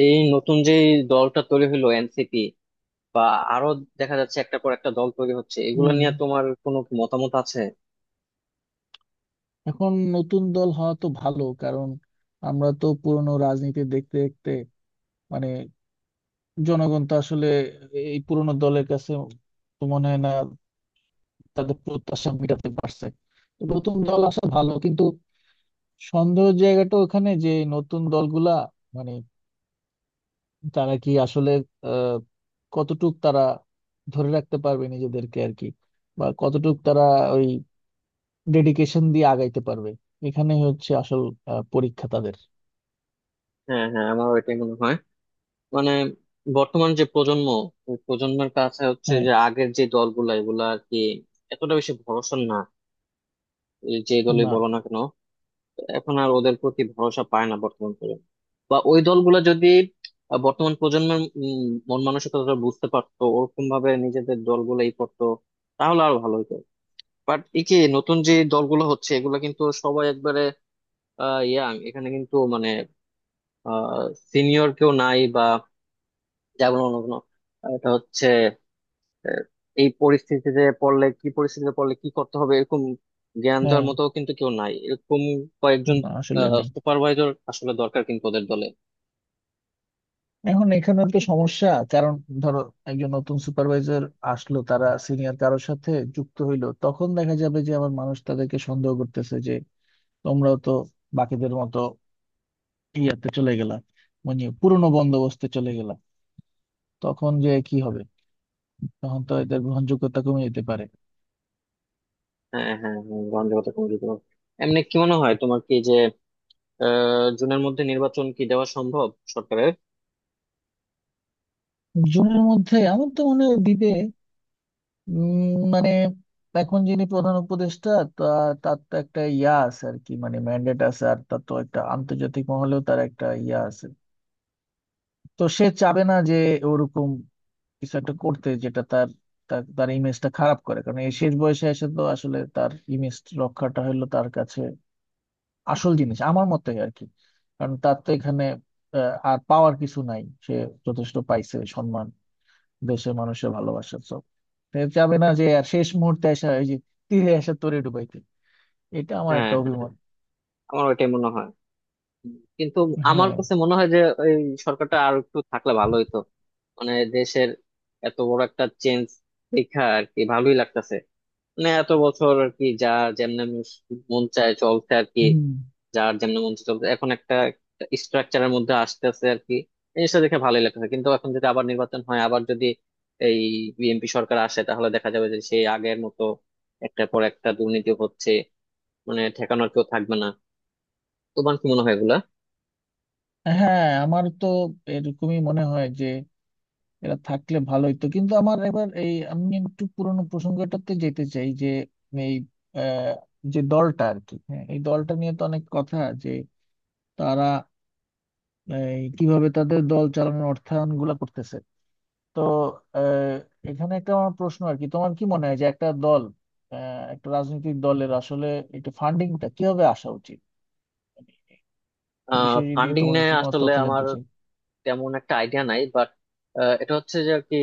এই নতুন যে দলটা তৈরি হলো এনসিপি বা আরো দেখা যাচ্ছে একটা পর একটা দল তৈরি হচ্ছে, এগুলো হুম। নিয়ে তোমার কোনো কি মতামত আছে? এখন নতুন দল হওয়া তো ভালো, কারণ আমরা তো পুরনো রাজনীতি দেখতে দেখতে, মানে জনগণ তো আসলে এই পুরনো দলের কাছে, তো মনে হয় না তাদের প্রত্যাশা মেটাতে পারছে। তো নতুন দল আসা ভালো, কিন্তু সন্দেহের জায়গাটা ওখানে যে এই নতুন দলগুলা, মানে তারা কি আসলে আহ কতটুক তারা ধরে রাখতে পারবে নিজেদেরকে আর কি, বা কতটুক তারা ওই ডেডিকেশন দিয়ে আগাইতে পারবে। এখানে হচ্ছে আসল পরীক্ষা তাদের। হ্যাঁ হ্যাঁ, আমারও এটাই মনে হয়। মানে বর্তমান যে প্রজন্ম, ওই প্রজন্মের কাছে হচ্ছে হ্যাঁ। যে আগের যে দলগুলা এগুলা আর কি এতটা বেশি ভরসা না। এই যে দলই না, বলো না কেন, এখন আর ওদের প্রতি ভরসা পায় না বর্তমান প্রজন্ম। বা ওই দলগুলা যদি বর্তমান প্রজন্মের মন মানসিকতা বুঝতে পারতো, ওরকম ভাবে নিজেদের দলগুলাই করতো, তাহলে আরো ভালো হতো। বাট এই যে নতুন যে দলগুলো হচ্ছে এগুলো কিন্তু সবাই একবারে ইয়াং, এখানে কিন্তু মানে সিনিয়র কেউ নাই, বা যেমন অন্য কোনো, এটা হচ্ছে আহ, এই পরিস্থিতিতে পড়লে কি করতে হবে এরকম জ্ঞান দেওয়ার হ্যাঁ, মতো কিন্তু কেউ নাই, এরকম কয়েকজন না আসলে নেই। সুপারভাইজার আসলে দরকার কিন্তু ওদের দলে। এখন এখানে তো সমস্যা, কারণ ধরো একজন নতুন সুপারভাইজার আসলো, তারা সিনিয়র কারোর সাথে যুক্ত হইলো, তখন দেখা যাবে যে আমার মানুষ তাদেরকে সন্দেহ করতেছে যে তোমরাও তো বাকিদের মতো ইয়াতে চলে গেলা, মানে পুরোনো বন্দোবস্তে চলে গেলা। তখন যে কি হবে, তখন তো এদের গ্রহণযোগ্যতা কমে যেতে পারে। হ্যাঁ হ্যাঁ হ্যাঁ, গ্রহণযোগ্যতা কমিটি তোমার। এমনি কি মনে হয় তোমার, কি যে জুনের মধ্যে নির্বাচন কি দেওয়া সম্ভব সরকারের? জুনের মধ্যে আমার তো মনে হয় দিবে। উম, মানে এখন যিনি প্রধান উপদেষ্টা, তা তার তো একটা ইয়া আছে আর কি, মানে ম্যান্ডেট আছে, আর তার তো একটা আন্তর্জাতিক মহলেও তার একটা ইয়া আছে। তো সে চাবে না যে ওরকম কিছু একটা করতে, যেটা তার তার তার ইমেজটা খারাপ করে। কারণ এই শেষ বয়সে এসে তো আসলে তার ইমেজ রক্ষাটা হলো তার কাছে আসল জিনিস, আমার মতে আর কি। কারণ তার তো এখানে আর পাওয়ার কিছু নাই। সে যথেষ্ট পাইছে সম্মান, দেশের মানুষের ভালোবাসা। So তা যাবে না যে আর শেষ মুহূর্তে আসা ওই যে তীরে আসা তরে ডুবাইতে। এটা আমার হ্যাঁ একটা হ্যাঁ, অভিমত। আমার ওইটাই মনে হয় কিন্তু আমার হ্যাঁ। কাছে মনে হয় যে এই সরকারটা আর একটু থাকলে ভালো হইতো। মানে দেশের এত বড় একটা চেঞ্জ দেখা আর কি ভালোই লাগতেছে। মানে এত বছর আর কি যা যেমনে মন মন চায় চলছে আর কি, হুম। যার যেমনে মন চায় চলছে, এখন একটা স্ট্রাকচারের মধ্যে আসতেছে আর কি। জিনিসটা দেখে ভালোই লাগতেছে কিন্তু এখন যদি আবার নির্বাচন হয়, আবার যদি এই বিএনপি সরকার আসে তাহলে দেখা যাবে যে সেই আগের মতো একটার পর একটা দুর্নীতি হচ্ছে, মানে ঠেকানোর কেউ থাকবে না। তোমার কি মনে হয় এগুলা? হ্যাঁ, আমার তো এরকমই মনে হয় যে এরা থাকলে ভালোই, তো কিন্তু আমার এবার এই আমি একটু পুরোনো প্রসঙ্গটাতে যেতে চাই যে এই আহ, যে দলটা আর কি, হ্যাঁ, এই দলটা নিয়ে তো অনেক কথা যে তারা এই, কিভাবে তাদের দল চালানোর অর্থায়ন গুলা করতেছে। তো এখানে একটা আমার প্রশ্ন আর কি, তোমার কি মনে হয় যে একটা দল, একটা রাজনৈতিক দলের আসলে একটু ফান্ডিংটা কিভাবে আসা উচিত? এই বিষয়ে যদি ফান্ডিং তোমার নিয়ে কাছে কোনো আসলে তথ্য আমার জানতে চাই। তেমন একটা আইডিয়া নাই বাট এটা হচ্ছে যে আর কি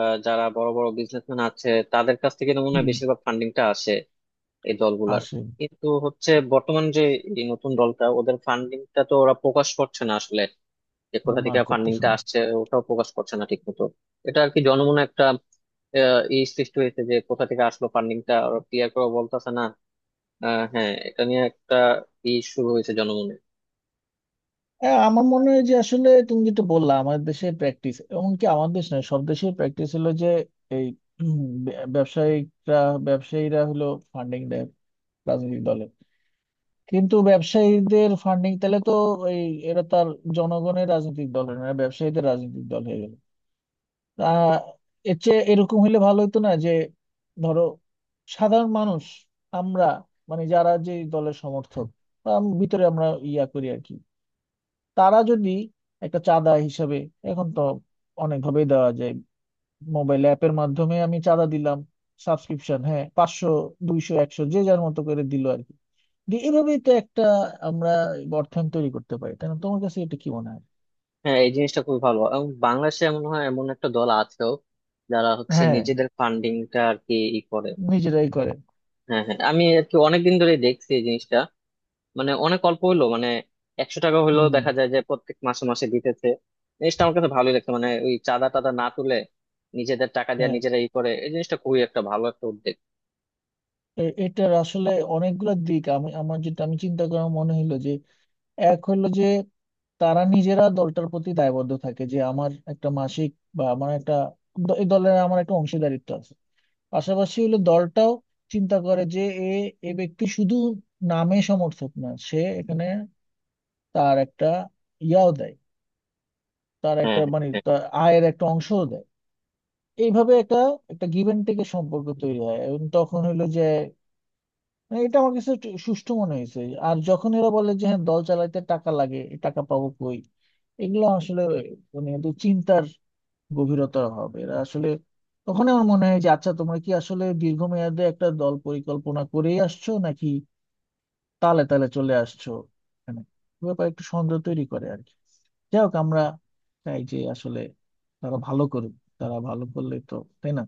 যারা বড় বড় বিজনেসম্যান আছে তাদের কাছ থেকে তো মনে হয় হুম। বেশিরভাগ ফান্ডিংটা আসে এই দলগুলার। আসে। কিন্তু হচ্ছে বর্তমান যে এই নতুন দলটা, ওদের ফান্ডিংটা তো ওরা প্রকাশ করছে না আসলে, যে কোথা না, থেকে করতেছে ফান্ডিংটা না। আসছে ওটাও প্রকাশ করছে না ঠিক মতো। এটা আর কি জনমনে একটা ই সৃষ্টি হয়েছে যে কোথা থেকে আসলো ফান্ডিংটা, ওরা ক্লিয়ার করে বলতেছে না। হ্যাঁ, এটা নিয়ে একটা ই শুরু হয়েছে জনমনে। হ্যাঁ, আমার মনে হয় যে আসলে তুমি যেটা বললা, আমাদের দেশের প্র্যাকটিস, এমনকি আমাদের দেশ নয় সব দেশের প্র্যাকটিস হলো যে এই ব্যবসায়িকরা, ব্যবসায়ীরা হলো ফান্ডিং দেয় রাজনৈতিক দলে। কিন্তু ব্যবসায়ীদের ফান্ডিং তাহলে তো এই এরা তার জনগণের রাজনৈতিক দল না, এরা ব্যবসায়ীদের রাজনৈতিক দল হয়ে গেল। তা এর চেয়ে এরকম হলে ভালো হতো না যে, ধরো সাধারণ মানুষ, আমরা, মানে যারা যে দলের সমর্থক বা ভিতরে আমরা ইয়া করি আর কি, তারা যদি একটা চাঁদা হিসাবে, এখন তো অনেকভাবেই দেওয়া যায়, মোবাইল অ্যাপের মাধ্যমে আমি চাঁদা দিলাম, সাবস্ক্রিপশন, হ্যাঁ, 500, 200, 100, যে যার মতো করে দিল, যে এভাবেই তো একটা আমরা অর্থায়ন তৈরি করতে পারি, তাই না? তোমার কাছে এটা কি মনে হয়? হ্যাঁ, এই জিনিসটা খুবই ভালো, এবং বাংলাদেশে এমন হয়, এমন একটা দল আছেও যারা হচ্ছে হ্যাঁ, নিজেদের ফান্ডিংটা আর কি ই করে। নিজেরাই করে। হ্যাঁ হ্যাঁ, আমি আর কি অনেকদিন ধরে দেখছি এই জিনিসটা। মানে অনেক অল্প হলো মানে একশো টাকা হলেও হুম। দেখা যায় যে প্রত্যেক মাসে মাসে দিতেছে। জিনিসটা আমার কাছে ভালোই লাগছে, মানে ওই চাঁদা টাদা না তুলে নিজেদের টাকা দিয়ে হ্যাঁ, নিজেরা ই করে, এই জিনিসটা খুবই একটা ভালো একটা উদ্যোগ। এটার আসলে অনেকগুলো দিক, আমি আমার যেটা আমি চিন্তা করা মনে হলো যে এক হলো যে তারা নিজেরা দলটার প্রতি দায়বদ্ধ থাকে যে আমার একটা মাসিক, বা আমার একটা এই দলের আমার একটা অংশীদারিত্ব আছে। পাশাপাশি হলো দলটাও চিন্তা করে যে এ এ ব্যক্তি শুধু নামে সমর্থক না, সে এখানে তার একটা ইয়াও দেয়, তার হ্যাঁ একটা মানে হ্যাঁ তার আয়ের একটা অংশ দেয়। এইভাবে একটা একটা গিভ অ্যান্ড টেকের সম্পর্ক তৈরি হয়। এবং তখন হইলো যে, মানে এটা আমার কাছে একটু সুষ্ঠু মনে হয়েছে। আর যখন এরা বলে যে হ্যাঁ দল চালাইতে টাকা লাগে, এই টাকা পাবো কই, এগুলো আসলে মানে একটু চিন্তার গভীরতা হবে এরা আসলে, তখন আমার মনে হয় যে আচ্ছা তোমরা কি আসলে দীর্ঘমেয়াদে একটা দল পরিকল্পনা করেই আসছো, নাকি তালে তালে চলে আসছো? এখানে ব্যাপার একটু সন্দেহ তৈরি করে আর কি। যাই হোক, আমরা চাই যে আসলে তারা ভালো করুক। তারা ভালো করলে তো, তাই না?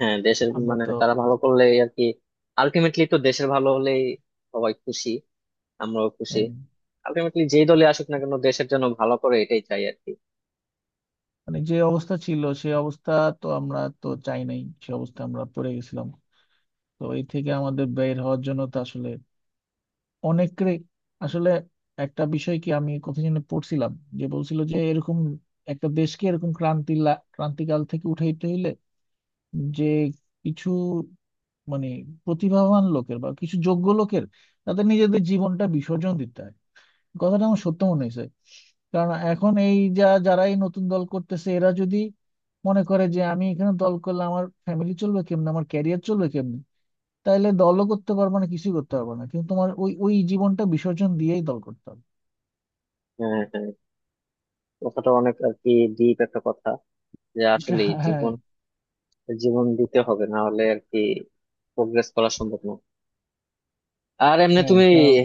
হ্যাঁ, দেশের আমরা মানে তো তারা ভালো করলে আর কি আলটিমেটলি তো দেশের ভালো হলেই সবাই খুশি, আমরাও খুশি। আহ, আলটিমেটলি যেই দলে আসুক না কেন দেশের জন্য ভালো করে, এটাই চাই আর কি। মানে যে অবস্থা ছিল সে অবস্থা তো আমরা তো চাই নাই, সে অবস্থা আমরা পড়ে গেছিলাম। তো এই থেকে আমাদের বের হওয়ার জন্য তো আসলে অনেকের আসলে একটা বিষয়, কি আমি কোথায় যেন পড়ছিলাম, যে বলছিল যে এরকম একটা দেশকে এরকম ক্রান্তিকাল থেকে উঠাইতে হইলে যে কিছু মানে প্রতিভাবান লোকের বা কিছু যোগ্য লোকের তাদের নিজেদের জীবনটা বিসর্জন দিতে হয়। কথাটা আমার সত্য মনে হয়েছে, কারণ এখন এই যা যারা এই নতুন দল করতেছে, এরা যদি মনে করে যে আমি এখানে দল করলে আমার ফ্যামিলি চলবে কেমনে, আমার ক্যারিয়ার চলবে কেমনে, তাহলে দলও করতে পারবে না, কিছুই করতে পারবে না। কিন্তু তোমার ওই ওই জীবনটা বিসর্জন দিয়েই দল করতে হবে। হ্যাঁ হ্যাঁ, কথাটা অনেক আর কি ডিপ একটা কথা, যে এটা, আসলে হ্যাঁ, জীবন জীবন দিতে হবে, না হলে আর কি প্রোগ্রেস করা সম্ভব না। আর এমনি হ্যাঁ, তুমি কারণ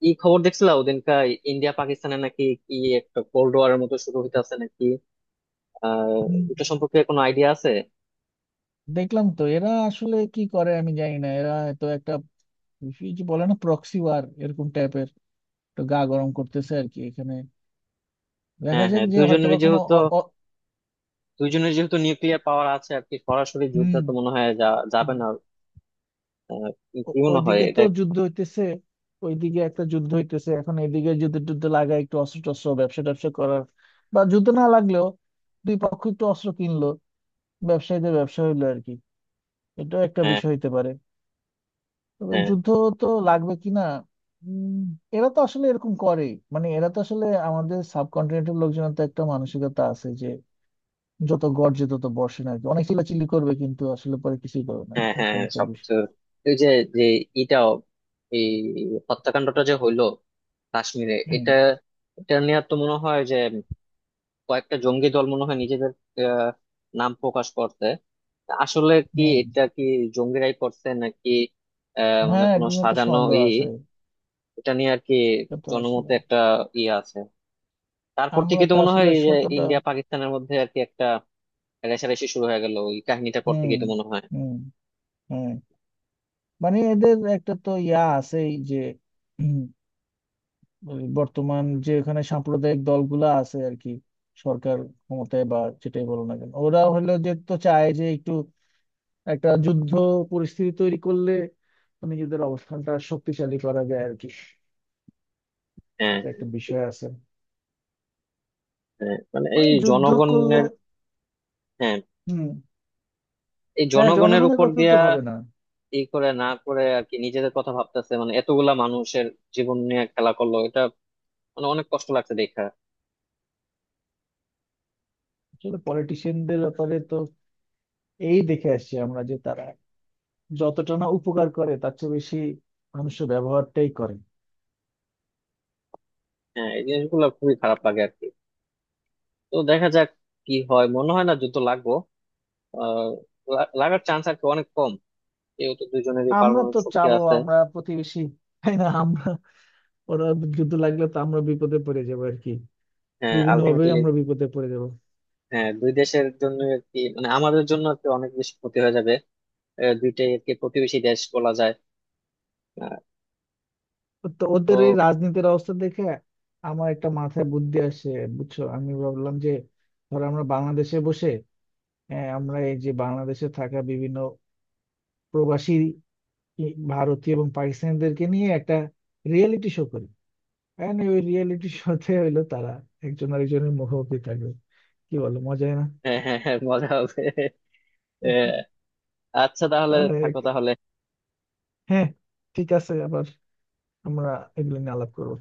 কি খবর দেখছিলা ওদিনকার, ইন্ডিয়া পাকিস্তানে নাকি কি একটা কোল্ড ওয়ারের মতো শুরু হইতে আছে নাকি? আহ হুম, এটা সম্পর্কে কোনো আইডিয়া আছে? দেখলাম তো, এরা আসলে কি করে আমি জানি না, এরা তো একটা কি যে বলে না, প্রক্সি ওয়ার এরকম টাইপের একটু গা গরম করতেছে আর কি এখানে। দেখা হ্যাঁ যাক হ্যাঁ, যে হয়তোবা কোনো দুইজনের যেহেতু নিউক্লিয়ার পাওয়ার আছে আর কি, সরাসরি যুদ্ধ হুম। তো মনে হয় যাবে হুম। না। আহ, কি মনে হয় ওইদিকে তো এটা? যুদ্ধ হইতেছে, ওইদিকে একটা যুদ্ধ হইতেছে, এখন এদিকে যুদ্ধ টুদ্ধ লাগায় একটু অস্ত্র টস্ত্র ব্যবসা ট্যাবসা করার, বা যুদ্ধ না লাগলেও দুই পক্ষ একটু অস্ত্র কিনলো, ব্যবসায়ীদের ব্যবসা হইলো আর কি। এটাও একটা হ্যাঁ বিষয় হইতে পারে। তবে হ্যাঁ যুদ্ধ তো লাগবে কিনা, উম, এরা তো আসলে এরকম করে, মানে এরা তো আসলে আমাদের সাবকন্টিনেন্টের লোকজনের তো একটা মানসিকতা আছে, যত গর্জে তত বর্ষে না আর কি, অনেক চিল্লাচিল্লি করবে কিন্তু আসলে পরে কিছুই করবে না, হ্যাঁ হ্যাঁ, এরকম একটা সবকিছু, বিষয়। ওই যে, যে এটাও, এই হত্যাকাণ্ডটা যে হইলো কাশ্মীরে হম। এটা, এটা নিয়ে তো মনে হয় যে কয়েকটা জঙ্গি দল মনে হয় নিজেদের আহ, নাম প্রকাশ করতে, আসলে কি হম। এটা কি জঙ্গিরাই করছে নাকি মানে হ্যাঁ, কোনো এগুলো তো সাজানো সন্দেহ ই? আছে। এটা নিয়ে আর কি এটা তো আসলে জনমতে একটা ই আছে। তারপর আমরা থেকে তো তো মনে হয় আসলে এই যে সত্যটা ইন্ডিয়া পাকিস্তানের মধ্যে আর কি একটা রেষারেষি শুরু হয়ে গেল ওই কাহিনীটার পর থেকে হম, তো মনে হয়। হম, হ্যাঁ, মানে এদের একটা তো ইয়া আছে, এই যে হুম, ওই বর্তমান যে এখানে সাম্প্রদায়িক দলগুলা আছে আর কি, সরকার ক্ষমতায় বা যেটাই বলো না কেন, ওরা হলো যে তো চায় যে একটু একটা যুদ্ধ পরিস্থিতি তৈরি করলে নিজেদের অবস্থানটা শক্তিশালী করা যায় আর কি। হ্যাঁ এটা একটা হ্যাঁ, বিষয় আছে। হ্যাঁ, মানে এই মানে যুদ্ধ করলে জনগণের, হ্যাঁ হুম এই হ্যাঁ জনগণের জনগণের উপর কথা তো দিয়া ভাবে না। এই করে না করে আর কি নিজেদের কথা ভাবতেছে, মানে এতগুলা মানুষের জীবন নিয়ে খেলা করলো এটা। মানে অনেক কষ্ট লাগছে দেখা। আসলে পলিটিশিয়ানদের ব্যাপারে তো এই দেখে আসছি আমরা, যে তারা যতটা না উপকার করে তার চেয়ে বেশি মানুষের ব্যবহারটাই করে। হ্যাঁ, এই জিনিসগুলো খুবই খারাপ লাগে আর কি। তো দেখা যাক কি হয়, মনে হয় না যুদ্ধ লাগবো। আহ লাগার চান্স আর কি অনেক কম, যেহেতু দুজনেরই আমরা পারমাণবিক তো শক্তি চাবো আছে। আমরা প্রতিবেশী, তাই না? আমরা, ওরা, যুদ্ধ লাগলে তো আমরা বিপদে পড়ে যাবো আর কি, হ্যাঁ বিভিন্ন ভাবে আলটিমেটলি, আমরা বিপদে পড়ে যাবো। হ্যাঁ দুই দেশের জন্য আর কি, মানে আমাদের জন্য আর কি অনেক বেশি ক্ষতি হয়ে যাবে। দুইটাই আর কি প্রতিবেশী দেশ বলা যায়। আহ, তো ওদের এই তো রাজনীতির অবস্থা দেখে আমার একটা মাথায় বুদ্ধি আসে, বুঝছো? আমি ভাবলাম যে ধর আমরা বাংলাদেশে বসে, হ্যাঁ আমরা এই যে বাংলাদেশে থাকা বিভিন্ন প্রবাসী ভারতীয় এবং পাকিস্তানিদেরকে নিয়ে একটা রিয়েলিটি শো করি। And ওই রিয়েলিটি শোতে হইলো তারা একজন আরেকজনের মুখোমুখি থাকবে। কি বলো, মজাই না? হ্যাঁ হ্যাঁ হ্যাঁ, মজা হবে। এ, আচ্ছা তাহলে তারা থাকো এক- তাহলে। হ্যাঁ, ঠিক আছে, আবার আমরা এগুলো নিয়ে আলাপ করবো।